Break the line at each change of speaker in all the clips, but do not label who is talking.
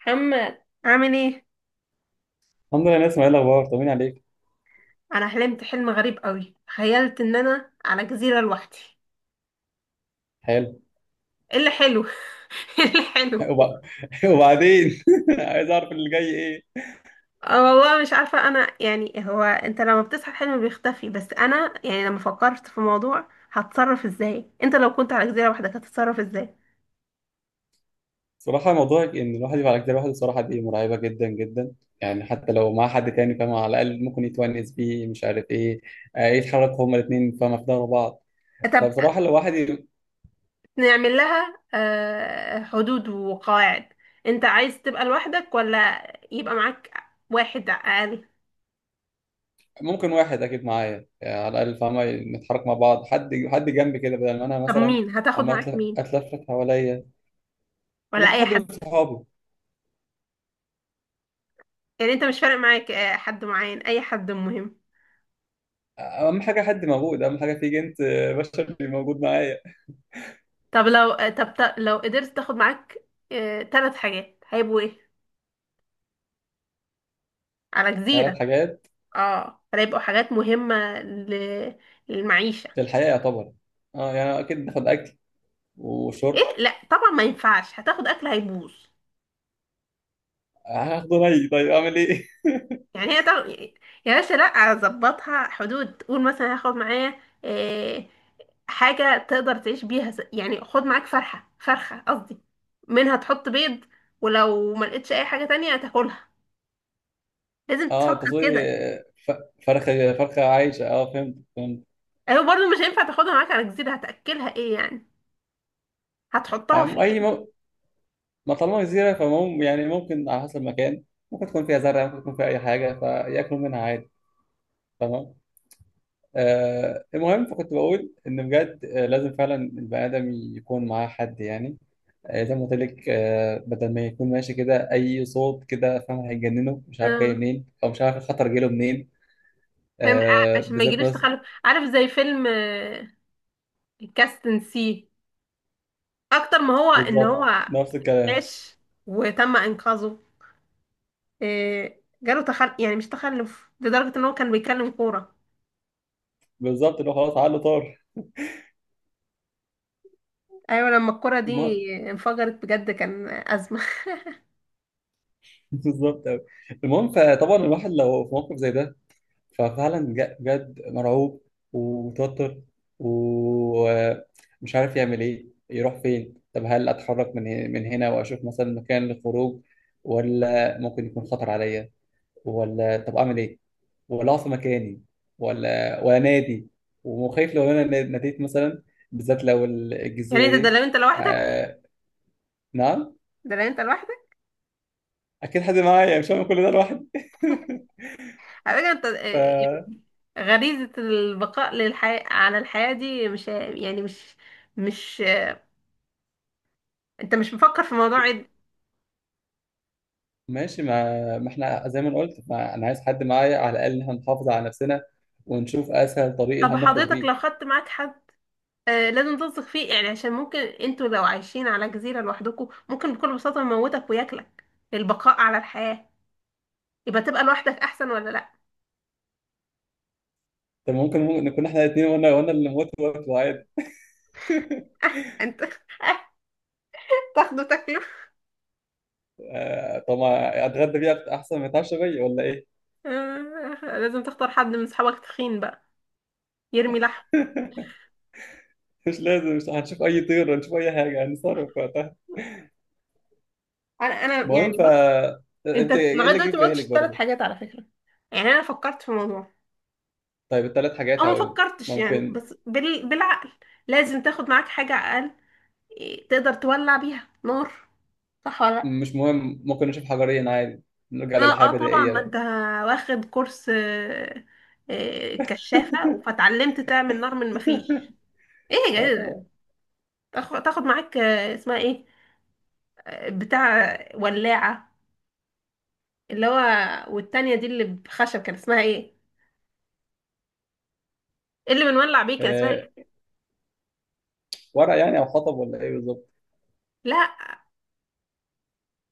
محمد عامل ايه؟
الحمد لله، نسمع ايه الاخبار؟ طمني عليك.
انا حلمت حلم غريب قوي، تخيلت ان انا على جزيره لوحدي.
حلو.
ايه اللي حلو ايه اللي حلو؟
وب- وبعدين عايز اعرف اللي جاي ايه؟
آه والله مش عارفه، انا يعني هو انت لما بتصحى الحلم بيختفي، بس انا يعني لما فكرت في موضوع هتصرف ازاي، انت لو كنت على جزيره لوحدك هتتصرف ازاي؟
صراحه موضوع ان الواحد يبقى على كتاب لوحده، صراحه دي مرعبه جدا جدا. يعني حتى لو مع حد تاني، فاهم؟ على الاقل ممكن يتونس بيه، مش عارف ايه. يتحركوا هما الاثنين، فاهم؟ في ظهر بعض.
طب
فبصراحه لو واحد
نعمل لها حدود وقواعد. انت عايز تبقى لوحدك ولا يبقى معاك واحد اقل؟
ممكن واحد اكيد معايا، يعني على الاقل فاهمه، نتحرك مع بعض، حد حد جنبي كده، بدل ما انا
طب
مثلا
مين هتاخد
عمال
معاك؟ مين؟
اتلفت حواليا.
ولا
ممكن
اي
حد من
حد؟
صحابي.
يعني انت مش فارق معاك حد معين؟ اي حد مهم.
اهم حاجه حد موجود، اهم حاجه في جنس بشر موجود معايا.
طب لو لو قدرت تاخد معاك ثلاث حاجات هيبقوا ايه؟ على
ثلاث
جزيرة.
حاجات
اه، فهيبقوا حاجات مهمة ل- للمعيشة.
في الحياة يعتبر. اه، يعني اكيد باخد اكل وشرب.
ايه؟ لا طبعا ما ينفعش، هتاخد اكل هيبوظ.
هاخده ني، طيب اعمل ايه؟
يعني هي طبعا، يا باشا لا، اظبطها حدود، قول مثلا هاخد معايا حاجة تقدر تعيش بيها، يعني خد معاك فرحة فرخة قصدي، منها تحط بيض، ولو ما لقيتش اي حاجة تانية هتاكلها، لازم
اه، انت
تفكر
تقصدي
كده.
ف- فرخة فرخة عايشة، اه فهمت.
هو برضه مش هينفع تاخدها معاك على جزيرة، هتأكلها ايه يعني؟
أم-
هتحطها
اي
فين؟
م... ما طالما جزيرة فمم يعني ممكن على حسب المكان. ممكن تكون فيها زرع، ممكن تكون فيها اي حاجة فياكلوا منها عادي. تمام. المهم، فكنت بقول ان بجد لازم فعلا البني ادم يكون معاه حد يعني. زي ما قلت لك، بدل ما يكون ماشي كده، اي صوت كده فاهم هيجننه، مش عارف جاي
اه
منين او مش عارف الخطر جاي له منين.
فاهم؟ عشان ما
بالذات
يجيلوش
مثلا.
تخلف، عارف زي فيلم كاستن سي، اكتر ما هو ان هو
بالظبط نفس الكلام.
عاش وتم انقاذه، جاله تخلف، يعني مش تخلف لدرجة ان هو كان بيكلم كورة.
بالظبط اللي هو خلاص عقله طار.
ايوه لما الكورة دي
المهم.
انفجرت بجد كان ازمة.
بالظبط أوي. المهم، فطبعا الواحد لو في موقف زي ده ففعلا بجد مرعوب ومتوتر ومش عارف يعمل ايه، يروح فين. طب هل اتحرك من هنا واشوف مثلا مكان للخروج، ولا ممكن يكون خطر عليا، ولا طب اعمل ايه، ولا اقف في مكاني، ولا نادي وخايف لو انا ناديت مثلا، بالذات لو
يعني
الجزيره
ده
دي.
لو انت لوحدك.
آه... نعم.
ده لو انت لوحدك.
اكيد حد معايا، مش هعمل كل ده لوحدي.
على فكرة انت
ف
يعني غريزة البقاء للحياة، على الحياة دي، مش يعني مش انت مش مفكر في موضوع عد.
ماشي، ما احنا زي ما أنا قلت، ما انا عايز حد معايا على الاقل ان احنا نحافظ على نفسنا ونشوف اسهل طريق اللي
طب
هنخرج
حضرتك
بيه.
لو خدت معاك حد آه لازم تثق فيه، يعني عشان ممكن انتوا لو عايشين على جزيرة لوحدكم ممكن بكل بساطة يموتك وياكلك للبقاء على الحياة. يبقى تبقى لوحدك احسن ولا لا؟
طب ممكن نكون احنا الاثنين، وانا اللي موت وقت عادي.
آه انت، آه، تاخده تاكله.
طب ما اتغدى بيها احسن ما يتعشى بيا ولا ايه؟
آه لازم تختار حد من صحابك تخين بقى، يرمي لحم.
مش لازم، مش هنشوف اي طير، هنشوف اي حاجه هنتصرف وقتها.
انا
المهم،
يعني بص، انت
فانت ايه
لغاية
اللي جه
دلوقتي
في
ما قلتش
بالك
الثلاث
برضه؟
حاجات على فكرة. يعني انا فكرت في الموضوع
طيب الثلاث
او
حاجات
ما
هقول لك.
فكرتش يعني،
ممكن.
بس بالعقل لازم تاخد معاك حاجة اقل، إيه، تقدر تولع بيها نار. صح ولا لا؟
مش مهم، ممكن نشوف حجرين عادي، نرجع
اه
للحياه
اه طبعا
البدائيه
ما انت
بقى.
واخد كورس كشافة فاتعلمت تعمل نار من مفيش. ايه يا
اه
جدع ده،
طبعا.
تاخد معاك اسمها ايه، بتاع ولاعة، اللي هو، والتانية دي اللي بخشب كان اسمها ايه؟ اللي بنولع بيه كان اسمها
آه
ايه؟
ورق يعني او حطب ولا ايه بالظبط؟
لا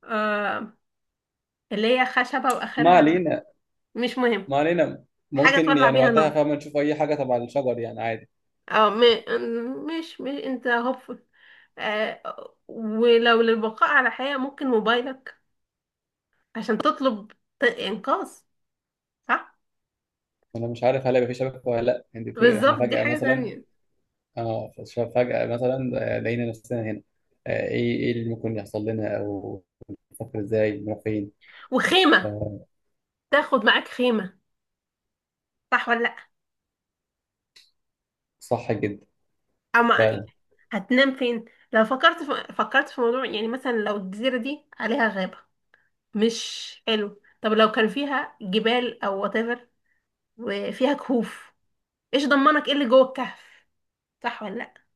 آه، اللي هي خشبة
ما
واخرها،
علينا.
مش مهم.
ما علينا.
حاجة
ممكن
تولع
يعني
بيها
وقتها،
نار.
فاهم؟ نشوف اي حاجه تبع الشجر يعني عادي.
اه مش انت هوب. ولو للبقاء على حياة ممكن موبايلك عشان تطلب إنقاذ. صح؟
انا مش عارف هل هيبقى في شبكه ولا لا، انت بتقولي احنا
بالظبط دي
فجاه
حاجة
مثلا.
تانية.
اه، فجأة مثلا، لقينا نفسنا هنا. ايه اللي ممكن يحصل لنا، او نفكر ازاي نروح فين.
وخيمة،
آه،
تاخد معاك خيمة. صح ولا لأ؟
صح جدا.
أما
فعلا.
هتنام فين؟ لو فكرت في موضوع، يعني مثلا لو الجزيرة دي عليها غابة مش حلو، طب لو كان فيها جبال أو whatever وفيها كهوف، إيش ضمنك إيه اللي جوه الكهف؟ صح ولا لأ؟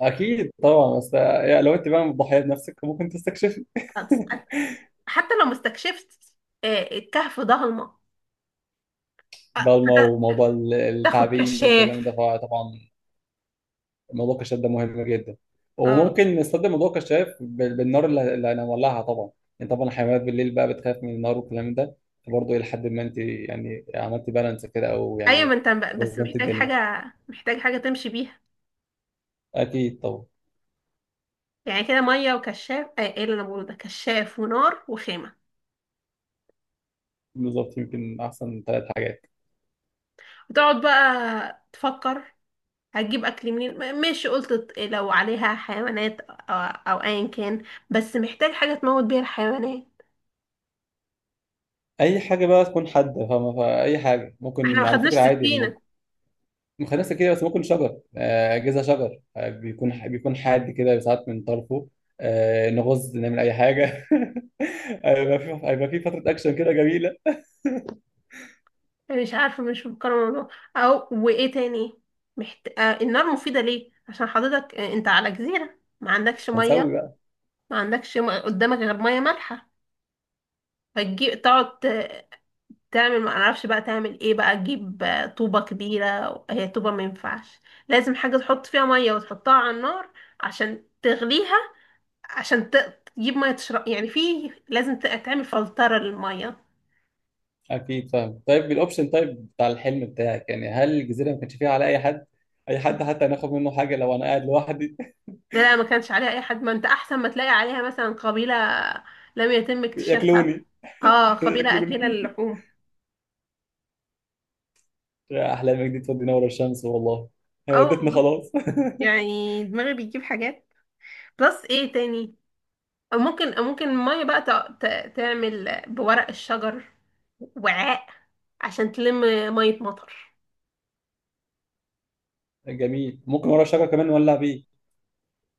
اكيد طبعا، بس يعني لو انت بقى مضحيه بنفسك ممكن تستكشفي.
هتس- حتى لو ما استكشفت الكهف ضلمة. آه،
ضلمه،
فت-
وموضوع
تاخد
التعبين والكلام ده
كشاف.
طبعا. موضوع الكشاف ده مهم جدا،
اه
وممكن نستخدم موضوع الكشاف بالنار اللي هنولعها طبعا. يعني طبعا الحيوانات بالليل بقى بتخاف من النار والكلام ده، فبرضه الى حد ما انت يعني عملتي بالانس كده او
ايوه ما
يعني
انت بس
وزنت
محتاج
الدنيا.
حاجه محتاج حاجه تمشي بيها.
اكيد طبعا.
يعني كده ميه وكشاف، ايه اللي انا بقوله ده، كشاف ونار وخيمه،
بالظبط، يمكن احسن ثلاث حاجات.
وتقعد بقى تفكر هتجيب اكل منين، ماشي قلت لو عليها حيوانات أو ايا كان، بس محتاج حاجه تموت بيها الحيوانات.
اي حاجه بقى تكون حاده، فاهمه؟ فاي حاجه
احنا ما
ممكن، على
خدناش
فكره عادي الموضوع.
سكينه.
مخنثه كده، بس ممكن شجر، اجهزه شجر بيكون حاد كده ساعات من طرفه. نغز نعمل اي حاجه. هيبقى في فتره اكشن كده جميله.
يعني مش عارفه، مش مفكره الموضوع. او وايه تاني؟ محت... آه النار مفيده ليه؟ عشان حضرتك انت على جزيره ما عندكش
هنسوي
ميه.
بقى.
ما عندكش قدامك غير ميه مالحه. فتجيب تقعد تعمل ما اعرفش بقى تعمل ايه بقى، تجيب طوبة كبيرة. هي طوبة ما ينفعش، لازم حاجة تحط فيها مية وتحطها على النار عشان تغليها، عشان تجيب مية تشرب يعني، في لازم تعمل فلترة للمية.
اكيد فاهم، طيب الاوبشن طيب بتاع الحلم بتاعك يعني، هل الجزيره ما كانش فيها على اي حد، اي حد حتى هناخد منه حاجه، لو انا قاعد لوحدي؟
لا ما كانش عليها اي حد، ما انت احسن ما تلاقي عليها مثلا قبيلة لم يتم اكتشافها.
ياكلوني.
اه قبيلة
ياكلوني.
اكلة للحوم.
يا أحلامك دي تودينا ورا الشمس والله. هي
اه
ودتنا
والله
خلاص.
يعني دماغي بيجيب حاجات. بلس ايه تاني. أو ممكن المية بقى تعمل بورق الشجر وعاء، عشان تلم مية مطر.
جميل، ممكن ورا الشجرة كمان نولع بيه.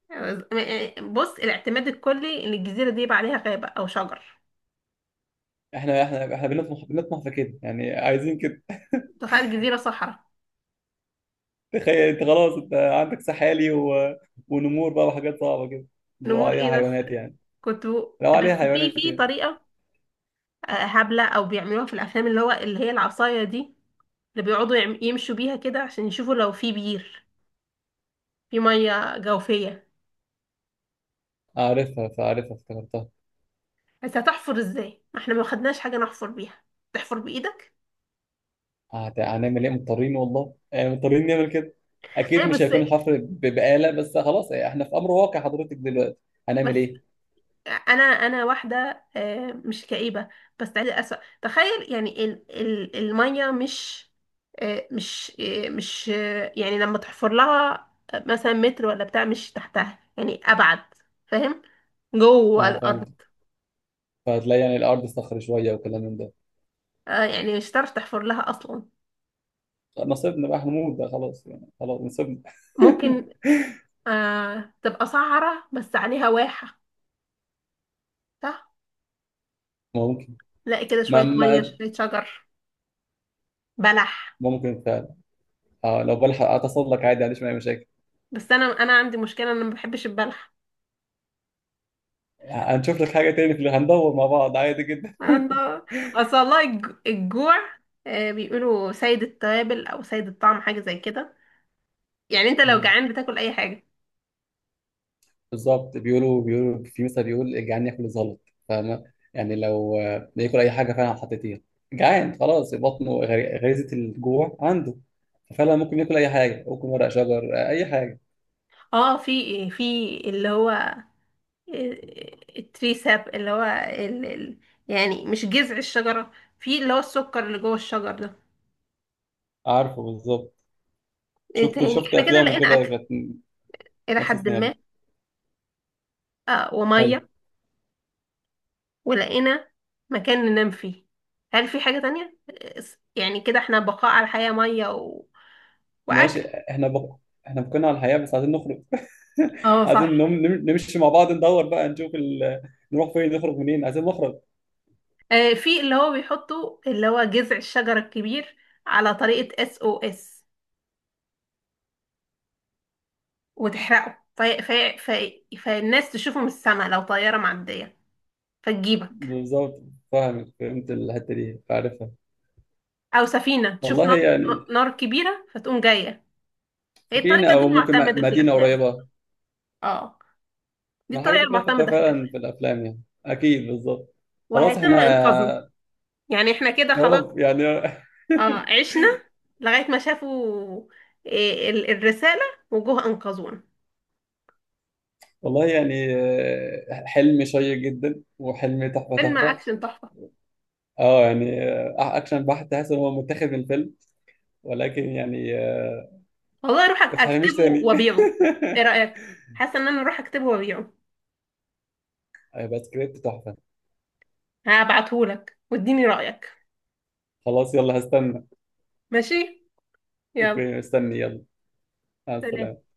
يعني بص، الاعتماد الكلي ان الجزيرة دي يبقى عليها غابة او شجر.
احنا بنطمح في كده يعني، عايزين كده.
تخيل جزيرة صحراء.
تخيل انت خلاص، انت عندك سحالي ونمور بقى، وحاجات صعبة كده، لو
نمور
عليها
ايه بس؟
حيوانات يعني.
كنت،
لو
بس
عليها
في
حيوانات
في
يعني.
طريقة هبلة او بيعملوها في الافلام اللي هو اللي هي العصاية دي، اللي بيقعدوا يمشوا بيها كده عشان يشوفوا لو في بير، في مية جوفية.
عارفها، فعارفها افتكرتها.
بس هتحفر ازاي ما احنا ما خدناش حاجة نحفر بيها؟ تحفر بايدك.
هنعمل ايه، مضطرين والله يعني، مضطرين نعمل كده.
ايه
اكيد مش
بس،
هيكون الحفر بآلة، بس خلاص احنا في امر واقع حضرتك دلوقتي،
بس
هنعمل ايه؟
انا انا واحده مش كئيبه بس عايزه اسوء تخيل، يعني ال الميه مش، مش مش يعني لما تحفر لها مثلا متر ولا بتاع، مش تحتها يعني ابعد. فاهم؟ جوه
اه
الارض،
فهمت. فهتلاقي يعني الارض صخر شوية وكلام من ده.
يعني مش هتعرف تحفر لها اصلا.
نصيبنا بقى هنموت ده، خلاص يعني، خلاص نصيبنا.
ممكن تبقى صحراء بس عليها واحه، صح،
ممكن.
تلاقي كده
ما
شويه ميه
ما-
شويه شجر بلح.
ممكن فعلا. اه، لو بلحق اتصل لك عادي، ما عنديش اي مشاكل.
بس انا عندي مشكله، انا ما بحبش البلح.
هنشوف لك حاجه تاني في اللي هندور مع بعض، عادي جدا.
الله، اصل والله الجوع بيقولوا سيد التوابل او سيد الطعم حاجه زي كده. يعني انت لو
مم.
جعان بتاكل اي حاجه.
بالظبط، بيقولوا في مثل بيقول الجعان ياكل الزلط. فاهمه؟ يعني لو ياكل اي حاجه فعلا حطيتيها، جعان خلاص، بطنه غريزه الجوع عنده، فعلا ممكن ياكل اي حاجه، ممكن ورق شجر اي حاجه.
اه في إيه؟ في اللي هو التريساب اللي هو يعني مش جذع الشجره، في اللي هو السكر اللي جوه الشجر ده.
عارفه بالظبط.
ايه
شفت
تاني،
شفت
احنا كده
افلام
لقينا
وكده،
اكل
كانت
الى
نفس
حد ما.
السيناريو.
اه
حلو.
وميه، ولقينا مكان ننام فيه. هل في حاجه تانية يعني كده احنا بقاء على الحياه، ميه واكل.
ماشي احنا احنا بقينا على الحياة، بس عايزين نخرج.
اه
عايزين
صح،
نمشي مع بعض، ندور بقى نشوف نروح فين، نخرج منين، عايزين نخرج.
في اللي هو بيحطوا اللي هو جذع الشجرة الكبير على طريقة SOS، وتحرقه في فالناس تشوفه من السماء لو طيارة معدية فتجيبك.
بالظبط، فاهم فهمت الحتة دي عارفها.
أو سفينة تشوف
والله
نار،
يعني.
نار كبيرة فتقوم جاية. هي
سفينة
الطريقة دي
أو ممكن
المعتمدة في
مدينة
الأفلام.
قريبة.
اه دي
ما الحاجات
الطريقة
دي كلها فتاة
المعتمدة في
فعلا في
الأفلام،
الأفلام، يعني أكيد بالظبط. خلاص
وهيتم إنقاذنا.
احنا.
يعني احنا كده
يا
خلاص،
رب يعني.
اه، عشنا لغاية ما شافوا الرسالة وجوه أنقذونا.
والله يعني، حلم شيق جدا، وحلم تحفة
فيلم
تحفة.
أكشن تحفة.
اه يعني أكشن بحت، تحس إن هو متاخد من الفيلم، ولكن يعني.
والله اروح
ما تحرميش
اكتبه
تاني.
وابيعه. ايه رايك؟ حاسه ان انا اروح اكتبه وابيعه.
هيبقى سكريبت تحفة.
هبعتهولك واديني رايك.
خلاص يلا، هستنى.
ماشي. يلا
اوكي، استني يلا. مع
سلام.
السلامة.